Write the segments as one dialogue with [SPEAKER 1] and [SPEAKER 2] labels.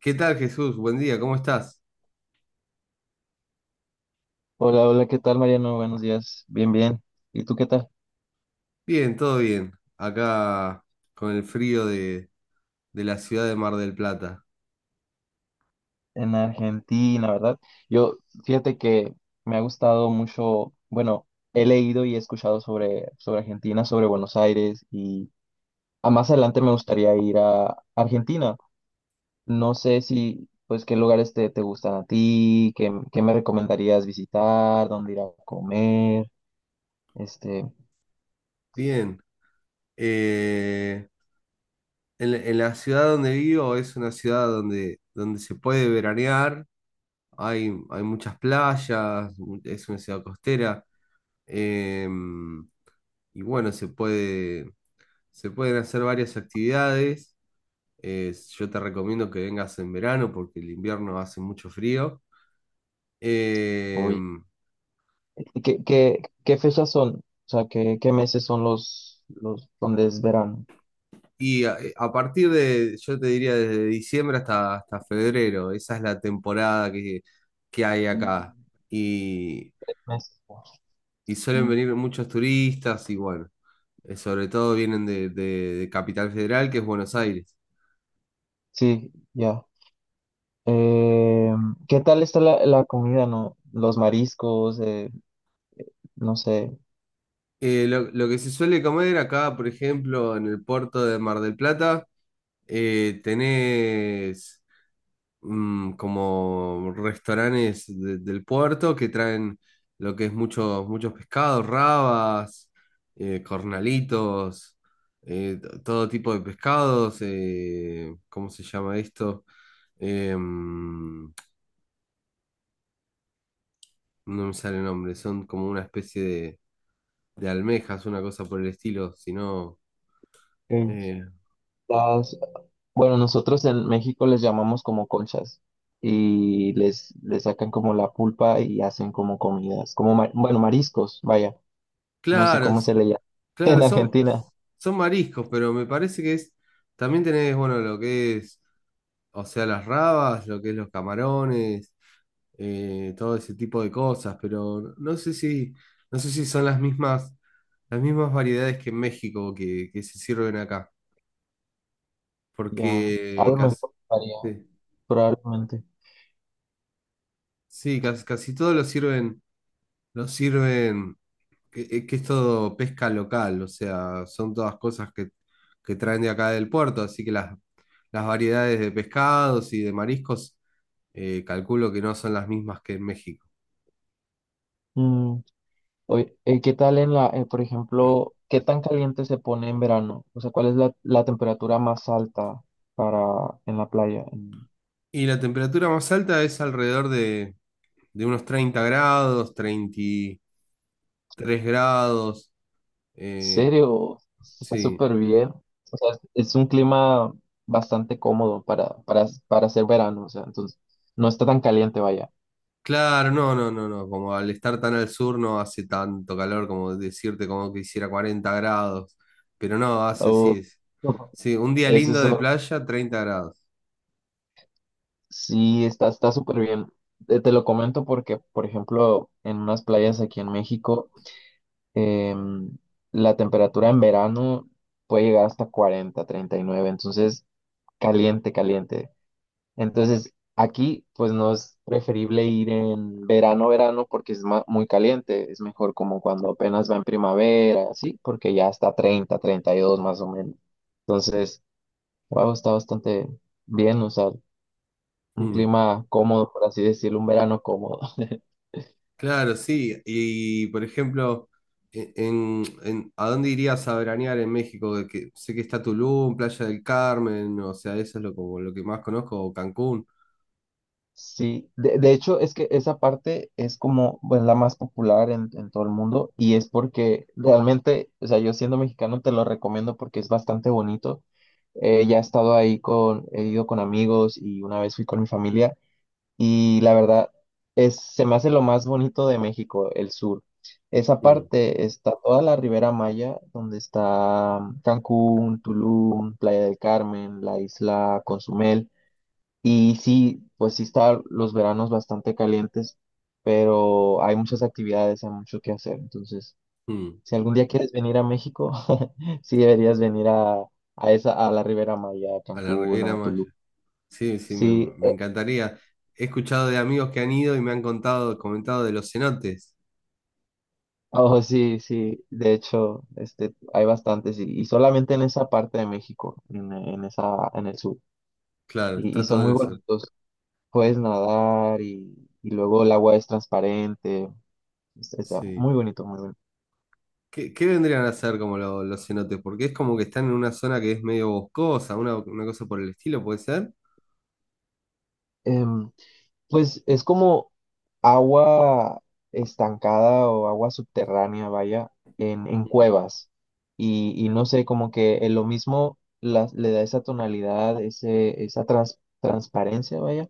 [SPEAKER 1] ¿Qué tal, Jesús? Buen día, ¿cómo estás?
[SPEAKER 2] Hola, hola, ¿qué tal, Mariano? Buenos días. Bien, bien. ¿Y tú qué tal?
[SPEAKER 1] Bien, todo bien. Acá con el frío de la ciudad de Mar del Plata.
[SPEAKER 2] En Argentina, ¿verdad? Yo, fíjate que me ha gustado mucho, bueno, he leído y he escuchado sobre Argentina, sobre Buenos Aires y a más adelante me gustaría ir a Argentina. No sé si, pues, qué lugares te gustan a ti, qué me recomendarías visitar, dónde ir a comer, este,
[SPEAKER 1] Bien. Eh, en la ciudad donde vivo es una ciudad donde se puede veranear, hay muchas playas, es una ciudad costera. em, y bueno, se pueden hacer varias actividades. Yo te recomiendo que vengas en verano porque el invierno hace mucho frío.
[SPEAKER 2] oye,
[SPEAKER 1] Em,
[SPEAKER 2] ¿qué fechas son? O sea, ¿qué meses son los donde es verano?
[SPEAKER 1] a partir de, yo te diría desde diciembre hasta febrero, esa es la temporada que hay
[SPEAKER 2] Nombre,
[SPEAKER 1] acá. Y,
[SPEAKER 2] mes.
[SPEAKER 1] y suelen
[SPEAKER 2] Mm,
[SPEAKER 1] venir muchos turistas y bueno, sobre todo vienen de Capital Federal, que es Buenos Aires.
[SPEAKER 2] sí, ya. Eh, ¿Qué tal está la comida, no? Los mariscos, no sé.
[SPEAKER 1] Lo que se suele comer acá, por ejemplo, en el puerto de Mar del Plata, tenés como restaurantes del puerto que traen lo que es muchos pescados, rabas, cornalitos, todo tipo de pescados, ¿cómo se llama esto? Em, no me sale el nombre, son como una especie de almejas, una cosa por el estilo, sino...
[SPEAKER 2] eh,
[SPEAKER 1] Eh,
[SPEAKER 2] las- bueno, nosotros en México les llamamos como conchas y les sacan como la pulpa y hacen como comidas, como, bueno, mariscos, vaya. No sé
[SPEAKER 1] claro,
[SPEAKER 2] cómo se le llama
[SPEAKER 1] claro,
[SPEAKER 2] en Argentina.
[SPEAKER 1] son mariscos, pero me parece que es... También tenés, bueno, lo que es. O sea, las rabas, lo que es los camarones, todo ese tipo de cosas, pero no sé si son las mismas variedades que en México que se sirven acá,
[SPEAKER 2] Ya, a
[SPEAKER 1] porque
[SPEAKER 2] lo
[SPEAKER 1] casi,
[SPEAKER 2] mejor varía,
[SPEAKER 1] sí,
[SPEAKER 2] probablemente.
[SPEAKER 1] sí, casi, casi todo lo sirven, lo sirven, que es todo pesca local, o sea, son todas cosas que traen de acá del puerto, así que las variedades de pescados y de mariscos, calculo que no son las mismas que en México.
[SPEAKER 2] Mm, oye, ¿qué tal en por ejemplo, qué tan caliente se pone en verano? O sea, ¿cuál es la temperatura más alta para en la playa? ¿En
[SPEAKER 1] Y la temperatura más alta es alrededor de unos 30 grados, 33 grados. eh,
[SPEAKER 2] serio? Está
[SPEAKER 1] sí,
[SPEAKER 2] súper bien. O sea, es un clima bastante cómodo para hacer verano. O sea, entonces no está tan caliente, vaya.
[SPEAKER 1] claro, no, no, no, no. Como al estar tan al sur no hace tanto calor como decirte como que hiciera 40 grados. Pero no, hace
[SPEAKER 2] Oh,
[SPEAKER 1] sí.
[SPEAKER 2] no,
[SPEAKER 1] Sí, un día
[SPEAKER 2] es
[SPEAKER 1] lindo de
[SPEAKER 2] eso.
[SPEAKER 1] playa, 30 grados.
[SPEAKER 2] Sí, está súper bien. Te lo comento porque, por ejemplo, en unas playas aquí en México em, la temperatura en verano puede llegar hasta 40, 39, entonces caliente, caliente. Entonces aquí pues no es preferible ir en verano, verano porque es muy caliente, es mejor como cuando apenas va en primavera, así, porque ya está 30, 32 más o menos. Entonces, wow, está bastante bien, o sea, un
[SPEAKER 1] Mm.
[SPEAKER 2] clima cómodo, por así decirlo, un verano cómodo.
[SPEAKER 1] Claro, sí. Y por ejemplo, ¿a dónde irías a veranear en México? De que, sé que está Tulum, Playa del Carmen, o sea, eso es lo, como lo que más conozco, o Cancún,
[SPEAKER 2] Sí, de hecho es que esa parte es como pues, la más popular en todo el mundo y es porque realmente, o sea, yo siendo mexicano te lo recomiendo porque es bastante bonito. Ya he estado he ido con amigos y una vez fui con mi familia y la verdad es, se me hace lo más bonito de México, el sur. Esa
[SPEAKER 1] Mm,
[SPEAKER 2] parte está toda la Ribera Maya, donde está Cancún, Tulum, Playa del Carmen, la isla Consumel. Y sí, pues sí están los veranos bastante calientes, pero hay muchas actividades, hay mucho que hacer. Entonces,
[SPEAKER 1] mm,
[SPEAKER 2] si algún día quieres venir a México, sí deberías venir a esa, a la Ribera Maya, a
[SPEAKER 1] a la
[SPEAKER 2] Cancún,
[SPEAKER 1] Riviera
[SPEAKER 2] a
[SPEAKER 1] Maya.
[SPEAKER 2] Tulum.
[SPEAKER 1] Sí, sí,
[SPEAKER 2] Sí,
[SPEAKER 1] me encantaría. He escuchado de amigos que han ido y me han comentado de los cenotes.
[SPEAKER 2] oh, sí, sí. De hecho, este, hay bastantes y solamente en esa parte de México, en esa, en el sur.
[SPEAKER 1] Claro,
[SPEAKER 2] Y
[SPEAKER 1] está
[SPEAKER 2] son
[SPEAKER 1] todo en
[SPEAKER 2] muy
[SPEAKER 1] eso.
[SPEAKER 2] bonitos. Puedes nadar y luego el agua es transparente. Es,
[SPEAKER 1] Sí.
[SPEAKER 2] muy bonito, muy bonito.
[SPEAKER 1] ¿Qué, qué vendrían a hacer como los cenotes? Porque es como que están en una zona que es medio boscosa, una cosa por el estilo, ¿puede ser?
[SPEAKER 2] Em, Pues es como agua estancada o agua subterránea, vaya, en cuevas. Y no sé, como que en lo mismo le da esa tonalidad, esa transparencia, vaya,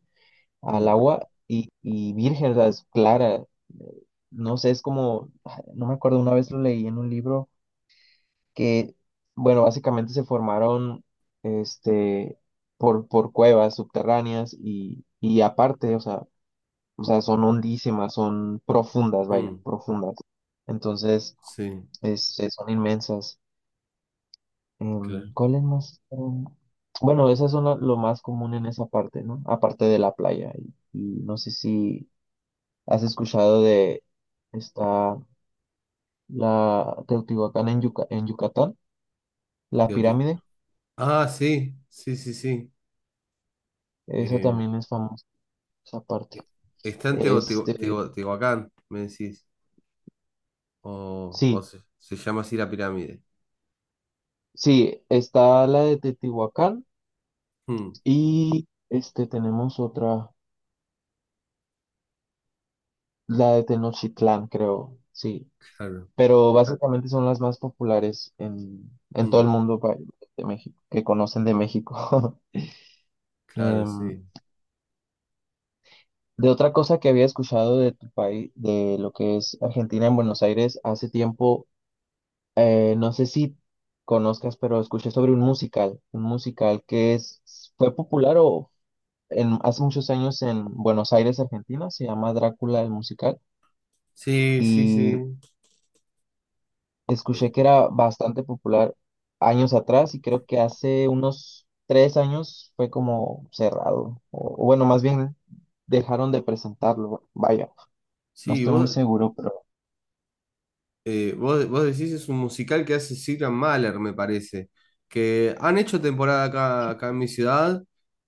[SPEAKER 2] al
[SPEAKER 1] Mm,
[SPEAKER 2] agua y virgen, o sea, es clara. Eh, No sé, es como, no me acuerdo, una vez lo leí en un libro que, bueno, básicamente se formaron, este, por cuevas subterráneas y aparte, o sea, son hondísimas, son profundas, vaya,
[SPEAKER 1] mm,
[SPEAKER 2] profundas. Entonces,
[SPEAKER 1] sí.
[SPEAKER 2] son inmensas.
[SPEAKER 1] Claro.
[SPEAKER 2] ¿Cuál es más? Bueno, esas son lo más común en esa parte, ¿no? Aparte de la playa. Y no sé si has escuchado de esta, la Teotihuacán en Yucatán, la
[SPEAKER 1] Teotihu-
[SPEAKER 2] pirámide.
[SPEAKER 1] Ah, sí, sí, sí, sí.
[SPEAKER 2] Esa
[SPEAKER 1] Eh,
[SPEAKER 2] también es famosa, esa parte.
[SPEAKER 1] eh, está en
[SPEAKER 2] Este,
[SPEAKER 1] Teotihuacán, me decís. O
[SPEAKER 2] sí,
[SPEAKER 1] se llama así la pirámide.
[SPEAKER 2] sí, está la de Teotihuacán
[SPEAKER 1] Mm,
[SPEAKER 2] y tenemos otra. La de Tenochtitlán, creo, sí.
[SPEAKER 1] claro,
[SPEAKER 2] Pero ah, básicamente son las más populares en todo el
[SPEAKER 1] mm,
[SPEAKER 2] mundo de México, que conocen de México.
[SPEAKER 1] claro,
[SPEAKER 2] Em,
[SPEAKER 1] sí.
[SPEAKER 2] de otra cosa que había escuchado de tu país, de lo que es Argentina en Buenos Aires, hace tiempo, no sé si conozcas, pero escuché sobre un musical que es, fue popular hace muchos años en Buenos Aires, Argentina, se llama Drácula el musical.
[SPEAKER 1] Sí, sí, sí.
[SPEAKER 2] Y escuché
[SPEAKER 1] Eh,
[SPEAKER 2] que era bastante popular años atrás y creo que hace unos 3 años fue como cerrado. O bueno, más bien dejaron de presentarlo. Vaya, no
[SPEAKER 1] sí,
[SPEAKER 2] estoy muy
[SPEAKER 1] vos,
[SPEAKER 2] seguro, pero
[SPEAKER 1] vos decís es un musical que hace Sigrid Mahler, me parece. Que han hecho temporada acá, acá en mi ciudad.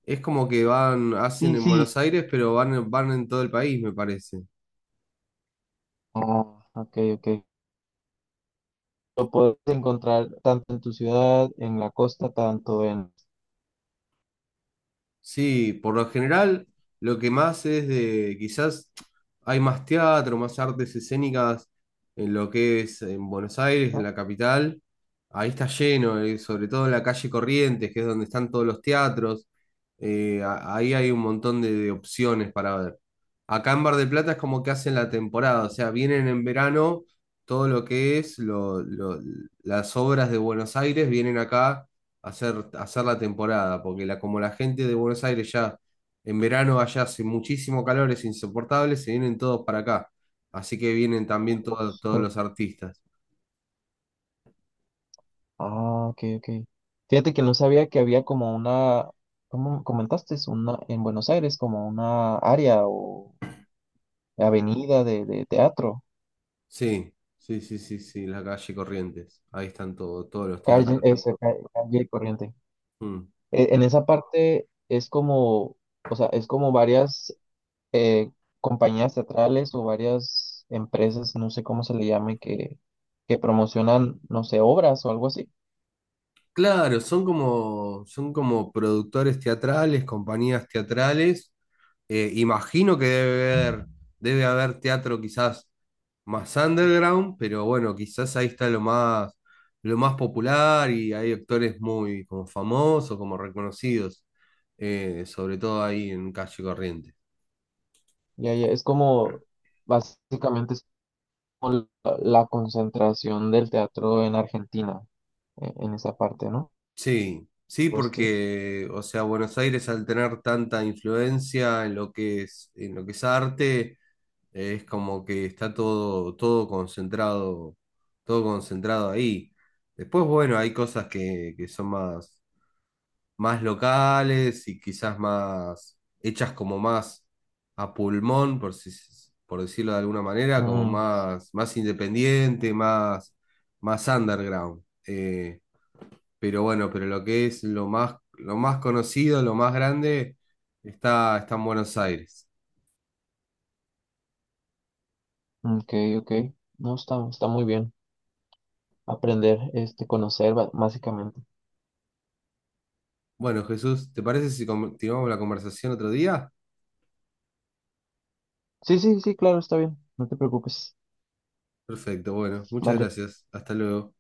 [SPEAKER 1] Es como que van, hacen
[SPEAKER 2] sí,
[SPEAKER 1] en
[SPEAKER 2] sí.
[SPEAKER 1] Buenos Aires, pero van en todo el país, me parece.
[SPEAKER 2] Ah, ok, ok. Lo puedes encontrar tanto en tu ciudad, en la costa, tanto en...
[SPEAKER 1] Sí, por lo general lo que más es de, quizás hay más teatro, más artes escénicas en lo que es en Buenos Aires, en
[SPEAKER 2] Ah,
[SPEAKER 1] la capital. Ahí está lleno, sobre todo en la calle Corrientes, que es donde están todos los teatros. Ahí hay un montón de opciones para ver. Acá en Bar del Plata es como que hacen la temporada, o sea, vienen en verano todo lo que es las obras de Buenos Aires, vienen acá hacer la temporada, porque como la gente de Buenos Aires ya en verano allá hace muchísimo calor, es insoportable, se vienen todos para acá. Así que vienen
[SPEAKER 2] en
[SPEAKER 1] también
[SPEAKER 2] el
[SPEAKER 1] todos
[SPEAKER 2] bosque.
[SPEAKER 1] los artistas.
[SPEAKER 2] Ah, ok, ok. Fíjate que no sabía que había como ¿cómo comentaste? Es una, en Buenos Aires, como una área o avenida de teatro.
[SPEAKER 1] Sí, sí, sí, sí, sí, la calle Corrientes. Ahí están todos los
[SPEAKER 2] Calle,
[SPEAKER 1] teatros.
[SPEAKER 2] eso, calle, corriente.
[SPEAKER 1] Mm.
[SPEAKER 2] En esa parte es como, o sea, es como varias eh, compañías teatrales o varias empresas, no sé cómo se le llame, que promocionan, no sé, obras o algo así.
[SPEAKER 1] Claro, son como productores teatrales, compañías teatrales. Imagino que debe haber teatro quizás más underground, pero bueno, quizás ahí está lo más popular y hay actores muy como famosos, como reconocidos, sobre todo ahí en Calle Corriente.
[SPEAKER 2] Ya, ya, es como, básicamente es la concentración del teatro en Argentina, en esa parte, ¿no?
[SPEAKER 1] Sí, sí,
[SPEAKER 2] Pues sí.
[SPEAKER 1] porque, o sea, Buenos Aires al tener tanta influencia en lo que es arte. Es como que está todo, todo concentrado ahí. Después, bueno, hay cosas que son más, más locales y quizás más hechas como más a pulmón, por si- por decirlo de alguna manera, como
[SPEAKER 2] Mm,
[SPEAKER 1] más, más independiente, más, más underground. Pero bueno, pero lo que es lo más conocido, lo más grande, está, está en Buenos Aires.
[SPEAKER 2] ok, ok. No, está, está muy bien aprender, conocer básicamente.
[SPEAKER 1] Bueno, Jesús, ¿te parece si continuamos la conversación otro día?
[SPEAKER 2] Sí, sí, sí, claro, está bien. No te preocupes.
[SPEAKER 1] Perfecto, bueno, muchas
[SPEAKER 2] Vale.
[SPEAKER 1] gracias. Hasta luego.